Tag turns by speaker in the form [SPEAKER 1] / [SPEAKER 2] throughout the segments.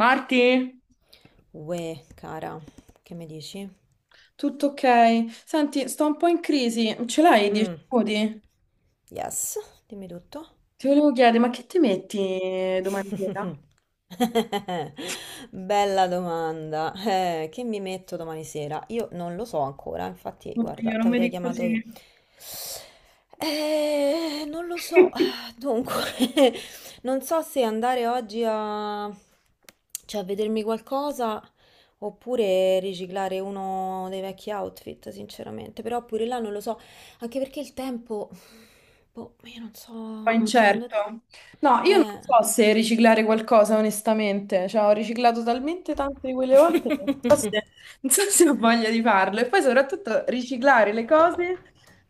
[SPEAKER 1] Marti?
[SPEAKER 2] Uè, cara, che mi dici?
[SPEAKER 1] Tutto ok. Senti, sto un po' in crisi. Ce l'hai 10
[SPEAKER 2] Mm,
[SPEAKER 1] minuti?
[SPEAKER 2] yes, dimmi tutto.
[SPEAKER 1] Ti volevo chiedere, ma che ti metti domani sera?
[SPEAKER 2] Bella domanda. Che mi metto domani sera? Io non lo so ancora, infatti, guarda,
[SPEAKER 1] Oddio,
[SPEAKER 2] ti
[SPEAKER 1] non mi
[SPEAKER 2] avrei
[SPEAKER 1] dico
[SPEAKER 2] chiamato
[SPEAKER 1] così.
[SPEAKER 2] io. Non lo so.
[SPEAKER 1] Un
[SPEAKER 2] Dunque, non so se andare oggi cioè a vedermi qualcosa oppure riciclare uno dei vecchi outfit, sinceramente. Però pure là non lo so, anche perché il tempo, boh, io non
[SPEAKER 1] po'
[SPEAKER 2] so, secondo te...
[SPEAKER 1] incerto. No, io non
[SPEAKER 2] Eh.
[SPEAKER 1] so se riciclare qualcosa, onestamente. Cioè, ho riciclato talmente tante di quelle volte che so
[SPEAKER 2] Eh,
[SPEAKER 1] se, non so se ho voglia di farlo. E poi, soprattutto, riciclare le cose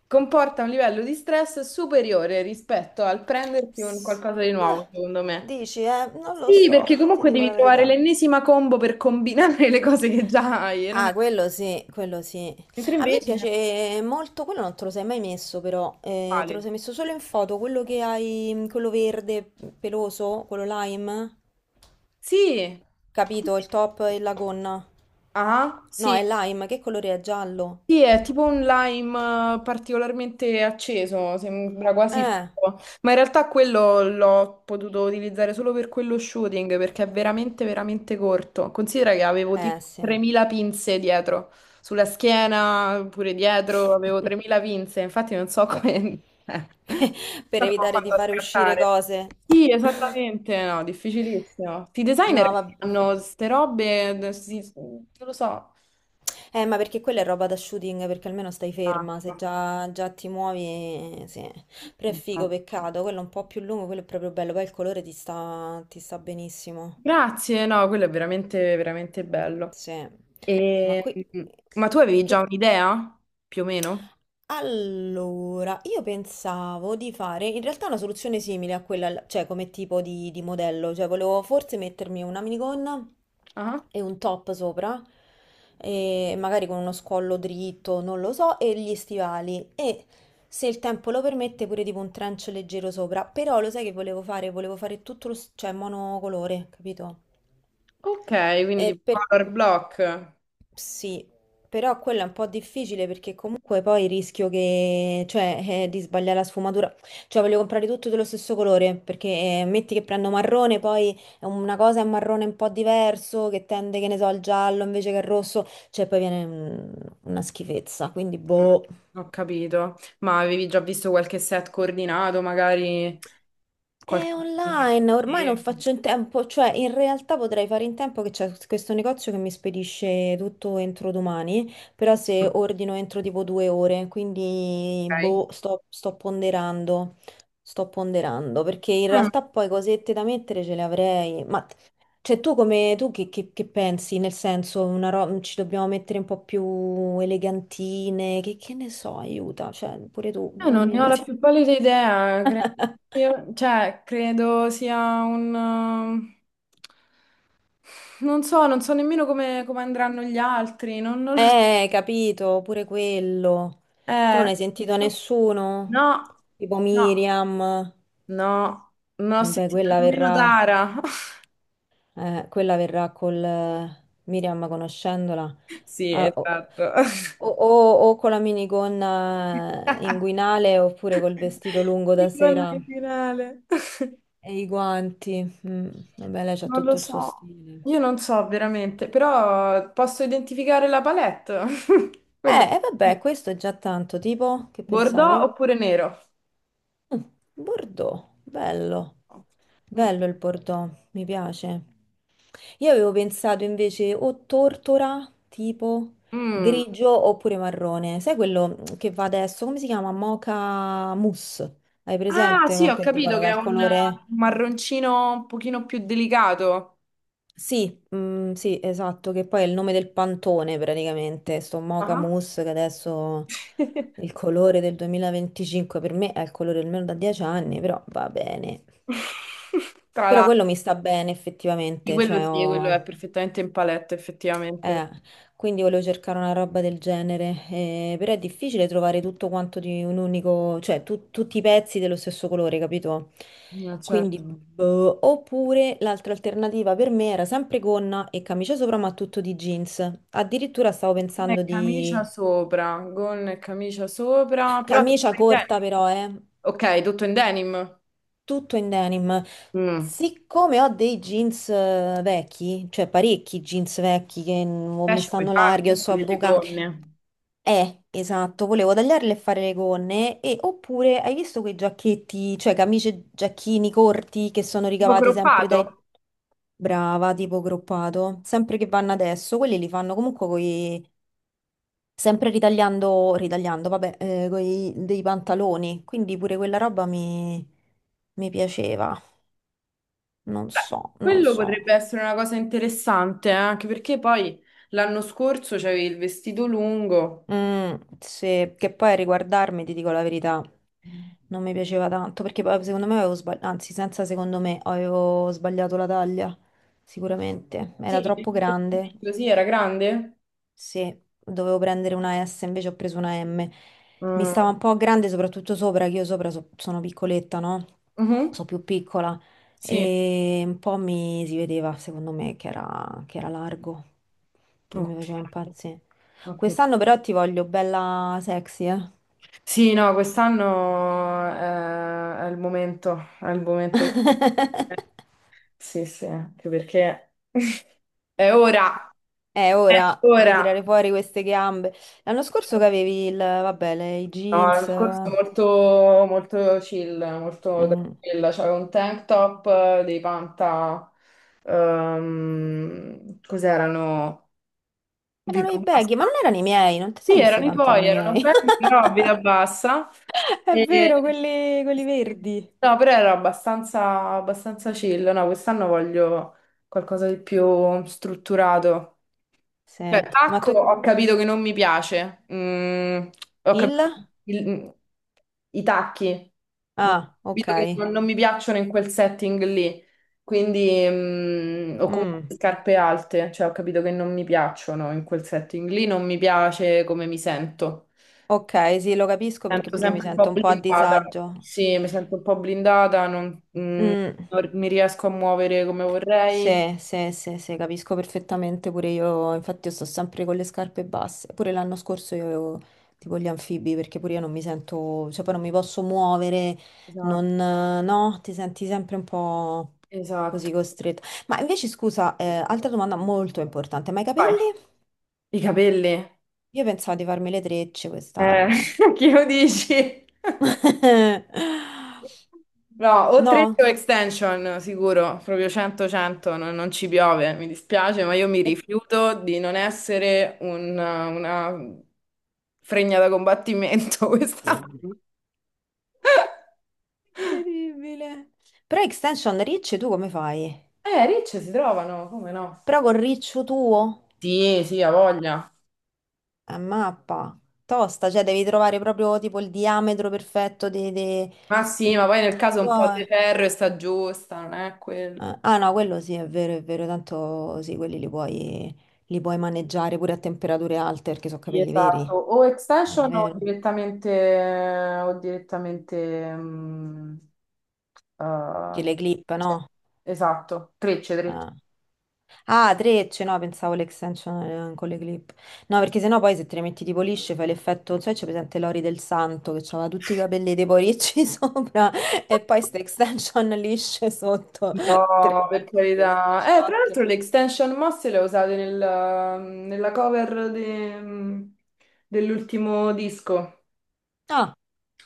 [SPEAKER 1] comporta un livello di stress superiore rispetto al prendersi un qualcosa di nuovo, secondo me.
[SPEAKER 2] Dici, eh? Non lo
[SPEAKER 1] Sì,
[SPEAKER 2] so,
[SPEAKER 1] perché
[SPEAKER 2] ti
[SPEAKER 1] comunque
[SPEAKER 2] dico
[SPEAKER 1] devi
[SPEAKER 2] la
[SPEAKER 1] trovare
[SPEAKER 2] verità.
[SPEAKER 1] l'ennesima combo per combinare le cose che già hai, e non
[SPEAKER 2] Ah,
[SPEAKER 1] è-
[SPEAKER 2] quello sì, quello sì.
[SPEAKER 1] mentre
[SPEAKER 2] A me
[SPEAKER 1] invece è
[SPEAKER 2] piace molto, quello non te lo sei mai messo però, te lo
[SPEAKER 1] uguale.
[SPEAKER 2] sei messo solo in foto, quello che hai, quello verde peloso, quello lime,
[SPEAKER 1] Sì.
[SPEAKER 2] capito? Il top e la gonna.
[SPEAKER 1] Ah,
[SPEAKER 2] No, è
[SPEAKER 1] sì.
[SPEAKER 2] lime, che colore è? Giallo.
[SPEAKER 1] Sì, è tipo un lime particolarmente acceso, sembra quasi
[SPEAKER 2] Eh,
[SPEAKER 1] fuoco, ma in realtà quello l'ho potuto utilizzare solo per quello shooting perché è veramente, veramente corto. Considera che avevo
[SPEAKER 2] eh
[SPEAKER 1] tipo
[SPEAKER 2] sì.
[SPEAKER 1] 3.000 pinze dietro, sulla schiena, pure dietro, avevo 3.000 pinze, infatti non so come...
[SPEAKER 2] Per
[SPEAKER 1] non so come ho
[SPEAKER 2] evitare di
[SPEAKER 1] fatto a
[SPEAKER 2] fare uscire
[SPEAKER 1] scattare.
[SPEAKER 2] cose.
[SPEAKER 1] Sì, esattamente, no, difficilissimo. I designer
[SPEAKER 2] No,
[SPEAKER 1] che
[SPEAKER 2] vabbè.
[SPEAKER 1] fanno queste robe, non lo so.
[SPEAKER 2] Ma perché quella è roba da shooting, perché almeno stai ferma, se già, già ti muovi, sì. Però è figo,
[SPEAKER 1] Infatti.
[SPEAKER 2] peccato, quello è un po' più lungo, quello è proprio bello, poi il colore ti sta benissimo.
[SPEAKER 1] Grazie, no, quello è veramente, veramente bello.
[SPEAKER 2] Sì. Ma
[SPEAKER 1] E-
[SPEAKER 2] qui...
[SPEAKER 1] Ma tu avevi già
[SPEAKER 2] Che...
[SPEAKER 1] un'idea, più o meno?
[SPEAKER 2] Allora, io pensavo di fare in realtà una soluzione simile a quella, cioè come tipo di modello, cioè volevo forse mettermi una minigonna
[SPEAKER 1] Ah,
[SPEAKER 2] e un top sopra, e magari con uno scollo dritto, non lo so, e gli stivali e se il tempo lo permette pure tipo un trench leggero sopra, però lo sai che volevo fare? Volevo fare tutto cioè monocolore, capito?
[SPEAKER 1] ok, quindi
[SPEAKER 2] E
[SPEAKER 1] di
[SPEAKER 2] per...
[SPEAKER 1] color block.
[SPEAKER 2] Sì, però quello è un po' difficile perché comunque poi rischio che, cioè, di sbagliare la sfumatura. Cioè, voglio comprare tutto dello stesso colore perché metti che prendo marrone, poi è una cosa è un marrone un po' diverso che tende, che ne so, al giallo invece che al rosso, cioè poi viene una schifezza, quindi
[SPEAKER 1] Mm,
[SPEAKER 2] boh.
[SPEAKER 1] Ho capito. Ma avevi già visto qualche set coordinato, magari qualche...
[SPEAKER 2] È online, ormai non faccio in tempo, cioè in realtà potrei fare in tempo che c'è questo negozio che mi spedisce tutto entro domani, però se ordino entro tipo due ore, quindi
[SPEAKER 1] Ok.
[SPEAKER 2] boh, sto ponderando, perché in realtà poi cosette da mettere ce le avrei, ma cioè tu come, tu che pensi? Nel senso, ci dobbiamo mettere un po' più elegantine, che ne so, aiuta, cioè pure tu,
[SPEAKER 1] Io non ne
[SPEAKER 2] dammi...
[SPEAKER 1] ho la più pallida idea, credo cioè, credo sia un... Non so nemmeno come andranno gli altri, non lo so.
[SPEAKER 2] Capito, pure quello. Tu non
[SPEAKER 1] Eh,
[SPEAKER 2] hai sentito nessuno?
[SPEAKER 1] no,
[SPEAKER 2] Tipo
[SPEAKER 1] no,
[SPEAKER 2] Miriam.
[SPEAKER 1] no, non ho
[SPEAKER 2] Vabbè,
[SPEAKER 1] sentito
[SPEAKER 2] quella
[SPEAKER 1] nemmeno
[SPEAKER 2] verrà,
[SPEAKER 1] Tara.
[SPEAKER 2] eh, quella verrà col Miriam conoscendola.
[SPEAKER 1] Sì,
[SPEAKER 2] Ah, o,
[SPEAKER 1] esatto.
[SPEAKER 2] o- o- o con la minigonna inguinale oppure col vestito lungo da
[SPEAKER 1] Con
[SPEAKER 2] sera
[SPEAKER 1] il finale.
[SPEAKER 2] e i guanti. Vabbè, lei c'ha
[SPEAKER 1] Non lo
[SPEAKER 2] tutto il suo
[SPEAKER 1] so,
[SPEAKER 2] stile.
[SPEAKER 1] io non so veramente, però posso identificare la palette. Quello.
[SPEAKER 2] E vabbè,
[SPEAKER 1] Eh,
[SPEAKER 2] questo è già tanto, tipo, che
[SPEAKER 1] Bordeaux
[SPEAKER 2] pensavi?
[SPEAKER 1] oppure nero?
[SPEAKER 2] Mm, Bordeaux, bello.
[SPEAKER 1] Mm.
[SPEAKER 2] Bello il Bordeaux, mi piace. Io avevo pensato invece o tortora, tipo
[SPEAKER 1] Mm.
[SPEAKER 2] grigio oppure marrone. Sai quello che va adesso? Come si chiama? Mocha mousse. Hai
[SPEAKER 1] Ah,
[SPEAKER 2] presente?
[SPEAKER 1] sì,
[SPEAKER 2] Mo
[SPEAKER 1] ho
[SPEAKER 2] che
[SPEAKER 1] capito
[SPEAKER 2] dicono che
[SPEAKER 1] che
[SPEAKER 2] è
[SPEAKER 1] è
[SPEAKER 2] il
[SPEAKER 1] un
[SPEAKER 2] colore...
[SPEAKER 1] marroncino un pochino più delicato.
[SPEAKER 2] Sì, sì, esatto, che poi è il nome del pantone praticamente, sto mocha
[SPEAKER 1] Ah.
[SPEAKER 2] mousse che adesso il colore del 2025 per me è il colore almeno da 10 anni, però va bene.
[SPEAKER 1] Tra
[SPEAKER 2] Però
[SPEAKER 1] l'altro,
[SPEAKER 2] quello mi sta bene
[SPEAKER 1] di
[SPEAKER 2] effettivamente,
[SPEAKER 1] quello
[SPEAKER 2] cioè
[SPEAKER 1] sì, quello
[SPEAKER 2] ho...
[SPEAKER 1] è perfettamente in palette, effettivamente.
[SPEAKER 2] Eh, quindi volevo cercare una roba del genere, però è difficile trovare tutto quanto di un unico, cioè tutti i pezzi dello stesso colore, capito?
[SPEAKER 1] Eh,
[SPEAKER 2] Quindi,
[SPEAKER 1] certo.
[SPEAKER 2] boh. Oppure l'altra alternativa per me era sempre gonna e camicia sopra, ma tutto di jeans. Addirittura stavo
[SPEAKER 1] Gonna e
[SPEAKER 2] pensando
[SPEAKER 1] camicia
[SPEAKER 2] di
[SPEAKER 1] sopra, gonna e camicia sopra, però tutto
[SPEAKER 2] camicia
[SPEAKER 1] in denim.
[SPEAKER 2] corta, però,
[SPEAKER 1] Ok, tutto in denim.
[SPEAKER 2] tutto in denim.
[SPEAKER 1] Mm.
[SPEAKER 2] Siccome ho dei jeans vecchi, cioè parecchi jeans vecchi che non mi
[SPEAKER 1] Pesce puoi
[SPEAKER 2] stanno
[SPEAKER 1] fare
[SPEAKER 2] larghi o
[SPEAKER 1] comunque
[SPEAKER 2] sono
[SPEAKER 1] delle gonne,
[SPEAKER 2] Esatto, volevo tagliarle e fare le gonne e oppure hai visto quei giacchetti, cioè camicie e giacchini corti che sono
[SPEAKER 1] tipo
[SPEAKER 2] ricavati sempre
[SPEAKER 1] croppato.
[SPEAKER 2] dai... Brava, tipo groppato, sempre che vanno adesso, quelli li fanno comunque coi... sempre ritagliando, ritagliando, vabbè, coi... dei pantaloni, quindi pure quella roba mi piaceva, non
[SPEAKER 1] Beh,
[SPEAKER 2] so, non
[SPEAKER 1] quello
[SPEAKER 2] so.
[SPEAKER 1] potrebbe essere una cosa interessante, anche perché poi l'anno scorso c'avevi il vestito lungo.
[SPEAKER 2] Sì, che poi a riguardarmi, ti dico la verità, non mi piaceva tanto perché poi secondo me avevo sbagliato, anzi, senza secondo me avevo sbagliato la taglia, sicuramente, era
[SPEAKER 1] Sì,
[SPEAKER 2] troppo grande
[SPEAKER 1] così era grande.
[SPEAKER 2] sì, dovevo prendere una S, invece ho preso una M. Mi
[SPEAKER 1] Mm.
[SPEAKER 2] stava un po' grande, soprattutto sopra, che io sopra sono piccoletta, no?
[SPEAKER 1] Mhm.
[SPEAKER 2] Sono più piccola.
[SPEAKER 1] Sì.
[SPEAKER 2] E un po' mi si vedeva, secondo me, che era largo. Non
[SPEAKER 1] Ok.
[SPEAKER 2] mi faceva impazzire.
[SPEAKER 1] Ok.
[SPEAKER 2] Quest'anno però ti voglio bella sexy, eh?
[SPEAKER 1] Sì, no, quest'anno il momento, è il momento di... Sì, sì, anche perché è ora,
[SPEAKER 2] È
[SPEAKER 1] è
[SPEAKER 2] ora di
[SPEAKER 1] ora.
[SPEAKER 2] tirare fuori queste gambe. L'anno scorso che avevi il, vabbè, i
[SPEAKER 1] No, l'anno
[SPEAKER 2] jeans.
[SPEAKER 1] scorso molto, molto chill, molto
[SPEAKER 2] Mm.
[SPEAKER 1] tranquilla. C'avevo un tank top. Cos'erano?
[SPEAKER 2] Erano
[SPEAKER 1] Vita
[SPEAKER 2] i baggy, ma non
[SPEAKER 1] pasta.
[SPEAKER 2] erano i miei, non ti sei
[SPEAKER 1] Sì,
[SPEAKER 2] messa i
[SPEAKER 1] erano i tuoi,
[SPEAKER 2] pantaloni
[SPEAKER 1] erano
[SPEAKER 2] miei.
[SPEAKER 1] belli, però a vita bassa.
[SPEAKER 2] È
[SPEAKER 1] E-
[SPEAKER 2] vero, quelli,
[SPEAKER 1] sì,
[SPEAKER 2] quelli
[SPEAKER 1] sì.
[SPEAKER 2] verdi.
[SPEAKER 1] No, però ero abbastanza, abbastanza chill. No, quest'anno voglio qualcosa di più strutturato.
[SPEAKER 2] Sì,
[SPEAKER 1] Cioè,
[SPEAKER 2] ma
[SPEAKER 1] tacco
[SPEAKER 2] tu
[SPEAKER 1] ho capito che non mi piace. Ho
[SPEAKER 2] il?
[SPEAKER 1] capito il- mm, i tacchi. Ho
[SPEAKER 2] Ah, ok.
[SPEAKER 1] capito che non mi piacciono in quel setting lì. Quindi, o comunque
[SPEAKER 2] Mm,
[SPEAKER 1] scarpe alte, cioè ho capito che non mi piacciono in quel setting lì, non mi piace come mi sento.
[SPEAKER 2] ok, sì, lo capisco
[SPEAKER 1] Mi
[SPEAKER 2] perché
[SPEAKER 1] sento
[SPEAKER 2] pure io mi
[SPEAKER 1] sempre un
[SPEAKER 2] sento
[SPEAKER 1] po'
[SPEAKER 2] un po' a
[SPEAKER 1] blindata,
[SPEAKER 2] disagio.
[SPEAKER 1] sì, mi sento un po' blindata, mm,
[SPEAKER 2] Mm,
[SPEAKER 1] non mi riesco a muovere come vorrei.
[SPEAKER 2] sì, sì, sì, sì, capisco perfettamente pure io, infatti io sto sempre con le scarpe basse, pure l'anno scorso io avevo tipo gli anfibi perché pure io non mi sento, cioè poi non mi posso muovere,
[SPEAKER 1] Esatto,
[SPEAKER 2] non, no, ti senti sempre un po' così
[SPEAKER 1] esatto.
[SPEAKER 2] costretto. Ma invece scusa, altra domanda molto importante, ma i
[SPEAKER 1] Vai,
[SPEAKER 2] capelli?
[SPEAKER 1] i capelli.
[SPEAKER 2] Io pensavo di farmi le trecce
[SPEAKER 1] Eh,
[SPEAKER 2] quest'anno.
[SPEAKER 1] chi lo dici? No, o 3 o
[SPEAKER 2] No?
[SPEAKER 1] extension, sicuro, proprio 100-100, non ci piove, mi dispiace, ma io mi rifiuto di non essere una fregna da combattimento questa.
[SPEAKER 2] Eh, Incredibile. Però extension ricci tu come fai?
[SPEAKER 1] Ricce si trovano, come no?
[SPEAKER 2] Però col riccio tuo?
[SPEAKER 1] Sì, sì, ha voglia.
[SPEAKER 2] A mappa. Tosta, cioè devi trovare proprio tipo il diametro perfetto
[SPEAKER 1] Ma sì, ma poi nel
[SPEAKER 2] dei
[SPEAKER 1] caso un po'
[SPEAKER 2] tuoi-
[SPEAKER 1] di ferro e sta giusta, non è quello.
[SPEAKER 2] Ah ah, no, quello sì, è vero, tanto sì, quelli li puoi maneggiare pure a temperature alte perché sono
[SPEAKER 1] Sì,
[SPEAKER 2] capelli
[SPEAKER 1] esatto,
[SPEAKER 2] veri.
[SPEAKER 1] o
[SPEAKER 2] È
[SPEAKER 1] extension
[SPEAKER 2] vero.
[SPEAKER 1] o direttamente,
[SPEAKER 2] Che
[SPEAKER 1] eh,
[SPEAKER 2] le clip, no?
[SPEAKER 1] cioè, esatto, trecce, trecce.
[SPEAKER 2] Ah. Ah, trecce, no, pensavo l'extension con le clip. No, perché sennò poi se te le metti tipo lisce fai l'effetto, non so se c'è presente Lori del Santo che aveva tutti i capelli tipo ricci sopra e poi queste extension lisce sotto. Tremende,
[SPEAKER 1] No, per
[SPEAKER 2] ste
[SPEAKER 1] carità. Tra
[SPEAKER 2] ciocche.
[SPEAKER 1] l'altro le extension mosse le ho usate nella cover dell'ultimo disco.
[SPEAKER 2] Ah,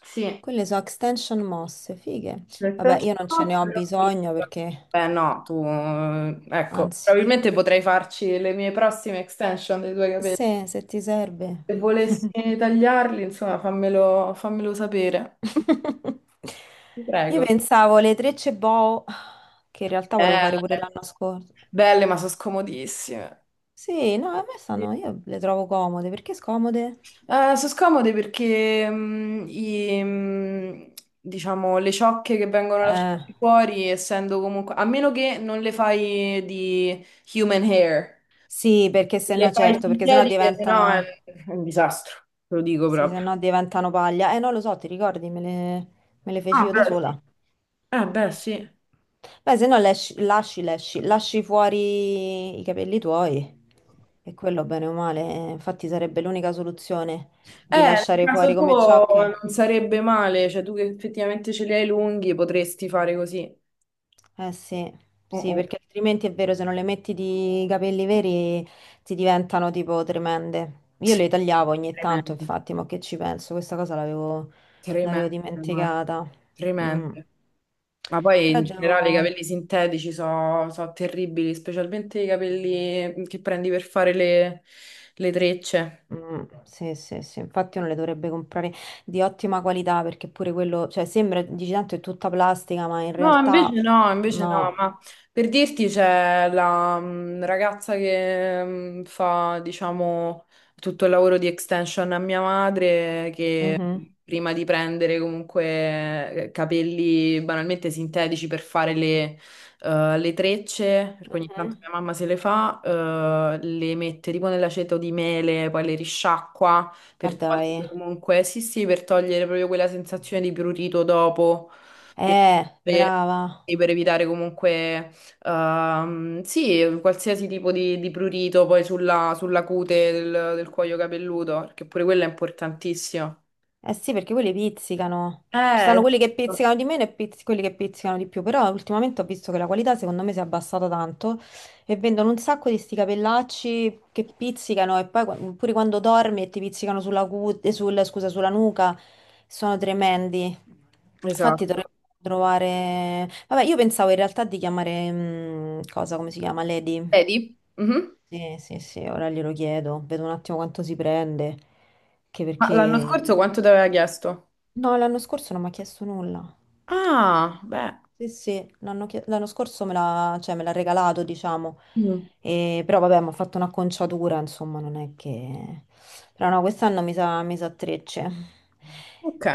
[SPEAKER 1] Sì,
[SPEAKER 2] quelle sono extension mosse, fighe.
[SPEAKER 1] le
[SPEAKER 2] Vabbè,
[SPEAKER 1] extension
[SPEAKER 2] io non ce ne
[SPEAKER 1] mosse
[SPEAKER 2] ho
[SPEAKER 1] le ho prese.
[SPEAKER 2] bisogno perché,
[SPEAKER 1] Eh no, ecco,
[SPEAKER 2] anzi,
[SPEAKER 1] probabilmente potrei farci le mie prossime extension dei tuoi capelli.
[SPEAKER 2] se ti serve.
[SPEAKER 1] Se volessi tagliarli, insomma, fammelo sapere. Ti
[SPEAKER 2] Io
[SPEAKER 1] prego.
[SPEAKER 2] pensavo le trecce boho, che in realtà volevo
[SPEAKER 1] Belle,
[SPEAKER 2] fare pure l'anno scorso.
[SPEAKER 1] belle, ma sono scomodissime.
[SPEAKER 2] Sì, no, a me
[SPEAKER 1] Sì.
[SPEAKER 2] stanno, io le trovo comode, perché scomode?
[SPEAKER 1] Sono scomode perché diciamo, le ciocche che vengono
[SPEAKER 2] Eh,
[SPEAKER 1] lasciate fuori, essendo comunque, a meno che non le fai di human hair,
[SPEAKER 2] sì, perché se
[SPEAKER 1] le
[SPEAKER 2] no
[SPEAKER 1] fai
[SPEAKER 2] certo, perché se no
[SPEAKER 1] sintetiche, se no è un
[SPEAKER 2] diventano,
[SPEAKER 1] è un disastro, te lo dico
[SPEAKER 2] sì, se
[SPEAKER 1] proprio.
[SPEAKER 2] no diventano paglia. Non lo so, ti ricordi, me le feci
[SPEAKER 1] Ah,
[SPEAKER 2] io da
[SPEAKER 1] beh, sì.
[SPEAKER 2] sola.
[SPEAKER 1] Beh, sì.
[SPEAKER 2] Beh, se no lasci fuori i capelli tuoi e quello bene o male, infatti sarebbe l'unica soluzione di
[SPEAKER 1] Nel
[SPEAKER 2] lasciare
[SPEAKER 1] caso
[SPEAKER 2] fuori come
[SPEAKER 1] tuo
[SPEAKER 2] ciocche.
[SPEAKER 1] non sarebbe male, cioè tu che effettivamente ce li hai lunghi potresti fare così.
[SPEAKER 2] Eh sì,
[SPEAKER 1] Mm,
[SPEAKER 2] sì,
[SPEAKER 1] mm.
[SPEAKER 2] perché altrimenti è vero, se non le metti di capelli veri ti diventano tipo tremende. Io
[SPEAKER 1] Sì,
[SPEAKER 2] le tagliavo ogni tanto,
[SPEAKER 1] tremendo.
[SPEAKER 2] infatti, ma che ci penso? Questa cosa l'avevo
[SPEAKER 1] Tremendo,
[SPEAKER 2] l'avevo
[SPEAKER 1] guarda.
[SPEAKER 2] dimenticata.
[SPEAKER 1] Tremendo.
[SPEAKER 2] Mm.
[SPEAKER 1] Ma poi
[SPEAKER 2] Però
[SPEAKER 1] in generale i
[SPEAKER 2] devo...
[SPEAKER 1] capelli sintetici sono terribili, specialmente i capelli che prendi per fare le trecce.
[SPEAKER 2] Sì, sì, sì, infatti uno le dovrebbe comprare di ottima qualità perché pure quello, cioè sembra, dici tanto è tutta plastica, ma in
[SPEAKER 1] No, invece
[SPEAKER 2] realtà
[SPEAKER 1] no, invece no,
[SPEAKER 2] no.
[SPEAKER 1] ma per dirti c'è la ragazza che fa, diciamo, tutto il lavoro di extension a mia madre, che
[SPEAKER 2] Mhm.
[SPEAKER 1] prima di prendere comunque capelli banalmente sintetici per fare le trecce, perché ogni
[SPEAKER 2] Mhm.
[SPEAKER 1] tanto mia mamma se le fa, le mette tipo nell'aceto di mele, poi le risciacqua
[SPEAKER 2] Ma
[SPEAKER 1] per
[SPEAKER 2] dai.
[SPEAKER 1] togliere comunque, sì sì, per togliere proprio quella sensazione di prurito dopo per
[SPEAKER 2] Brava.
[SPEAKER 1] sì, per evitare comunque, sì, qualsiasi tipo di prurito poi sulla cute del cuoio capelluto, perché pure quello è importantissimo.
[SPEAKER 2] Eh sì, perché quelli pizzicano. Ci sono
[SPEAKER 1] Eh,
[SPEAKER 2] quelli che pizzicano di meno e quelli che pizzicano di più, però ultimamente ho visto che la qualità secondo me si è abbassata tanto e vendono un sacco di sti capellacci che pizzicano e poi pure quando dormi e ti pizzicano scusa, sulla nuca, sono tremendi. Infatti dovremmo
[SPEAKER 1] esatto.
[SPEAKER 2] trovare... Vabbè, io pensavo in realtà di chiamare... cosa, come si chiama? Lady.
[SPEAKER 1] Vedi? Mhm.
[SPEAKER 2] Sì, sì, sì, ora glielo chiedo, vedo un attimo quanto si prende, che
[SPEAKER 1] Ma l'anno
[SPEAKER 2] perché...
[SPEAKER 1] scorso quanto ti aveva chiesto?
[SPEAKER 2] No, l'anno scorso non mi ha chiesto nulla.
[SPEAKER 1] Ah, beh.
[SPEAKER 2] Sì, sì, l'anno scorso me l'ha cioè, me l'ha regalato, diciamo.
[SPEAKER 1] Mm,
[SPEAKER 2] Però vabbè, mi ha fatto un'acconciatura, insomma, non è che... Però no, quest'anno mi sa trecce.
[SPEAKER 1] ok.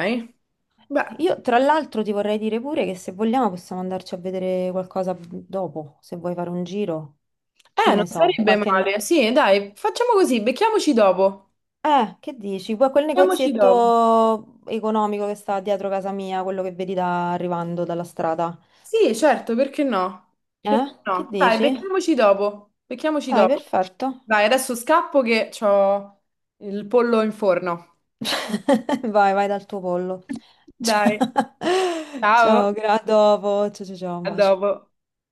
[SPEAKER 1] Beh,
[SPEAKER 2] Io, tra l'altro, ti vorrei dire pure che se vogliamo possiamo andarci a vedere qualcosa dopo, se vuoi fare un giro. Che
[SPEAKER 1] non
[SPEAKER 2] ne so,
[SPEAKER 1] sarebbe
[SPEAKER 2] qualche...
[SPEAKER 1] male. Sì, dai, facciamo così, becchiamoci dopo.
[SPEAKER 2] Che dici? Quel
[SPEAKER 1] Becchiamoci dopo.
[SPEAKER 2] negozietto economico che sta dietro casa mia, quello che vedi arrivando dalla strada.
[SPEAKER 1] Sì, certo, perché no? Perché
[SPEAKER 2] Eh? Che
[SPEAKER 1] no? Dai,
[SPEAKER 2] dici?
[SPEAKER 1] becchiamoci dopo. Becchiamoci
[SPEAKER 2] Dai,
[SPEAKER 1] dopo.
[SPEAKER 2] perfetto.
[SPEAKER 1] Dai, adesso scappo che ho il pollo in forno.
[SPEAKER 2] Vai, vai dal tuo pollo.
[SPEAKER 1] Dai, ciao,
[SPEAKER 2] Ciao, a dopo. Ciao, ciao, ciao, un
[SPEAKER 1] a
[SPEAKER 2] bacio.
[SPEAKER 1] dopo.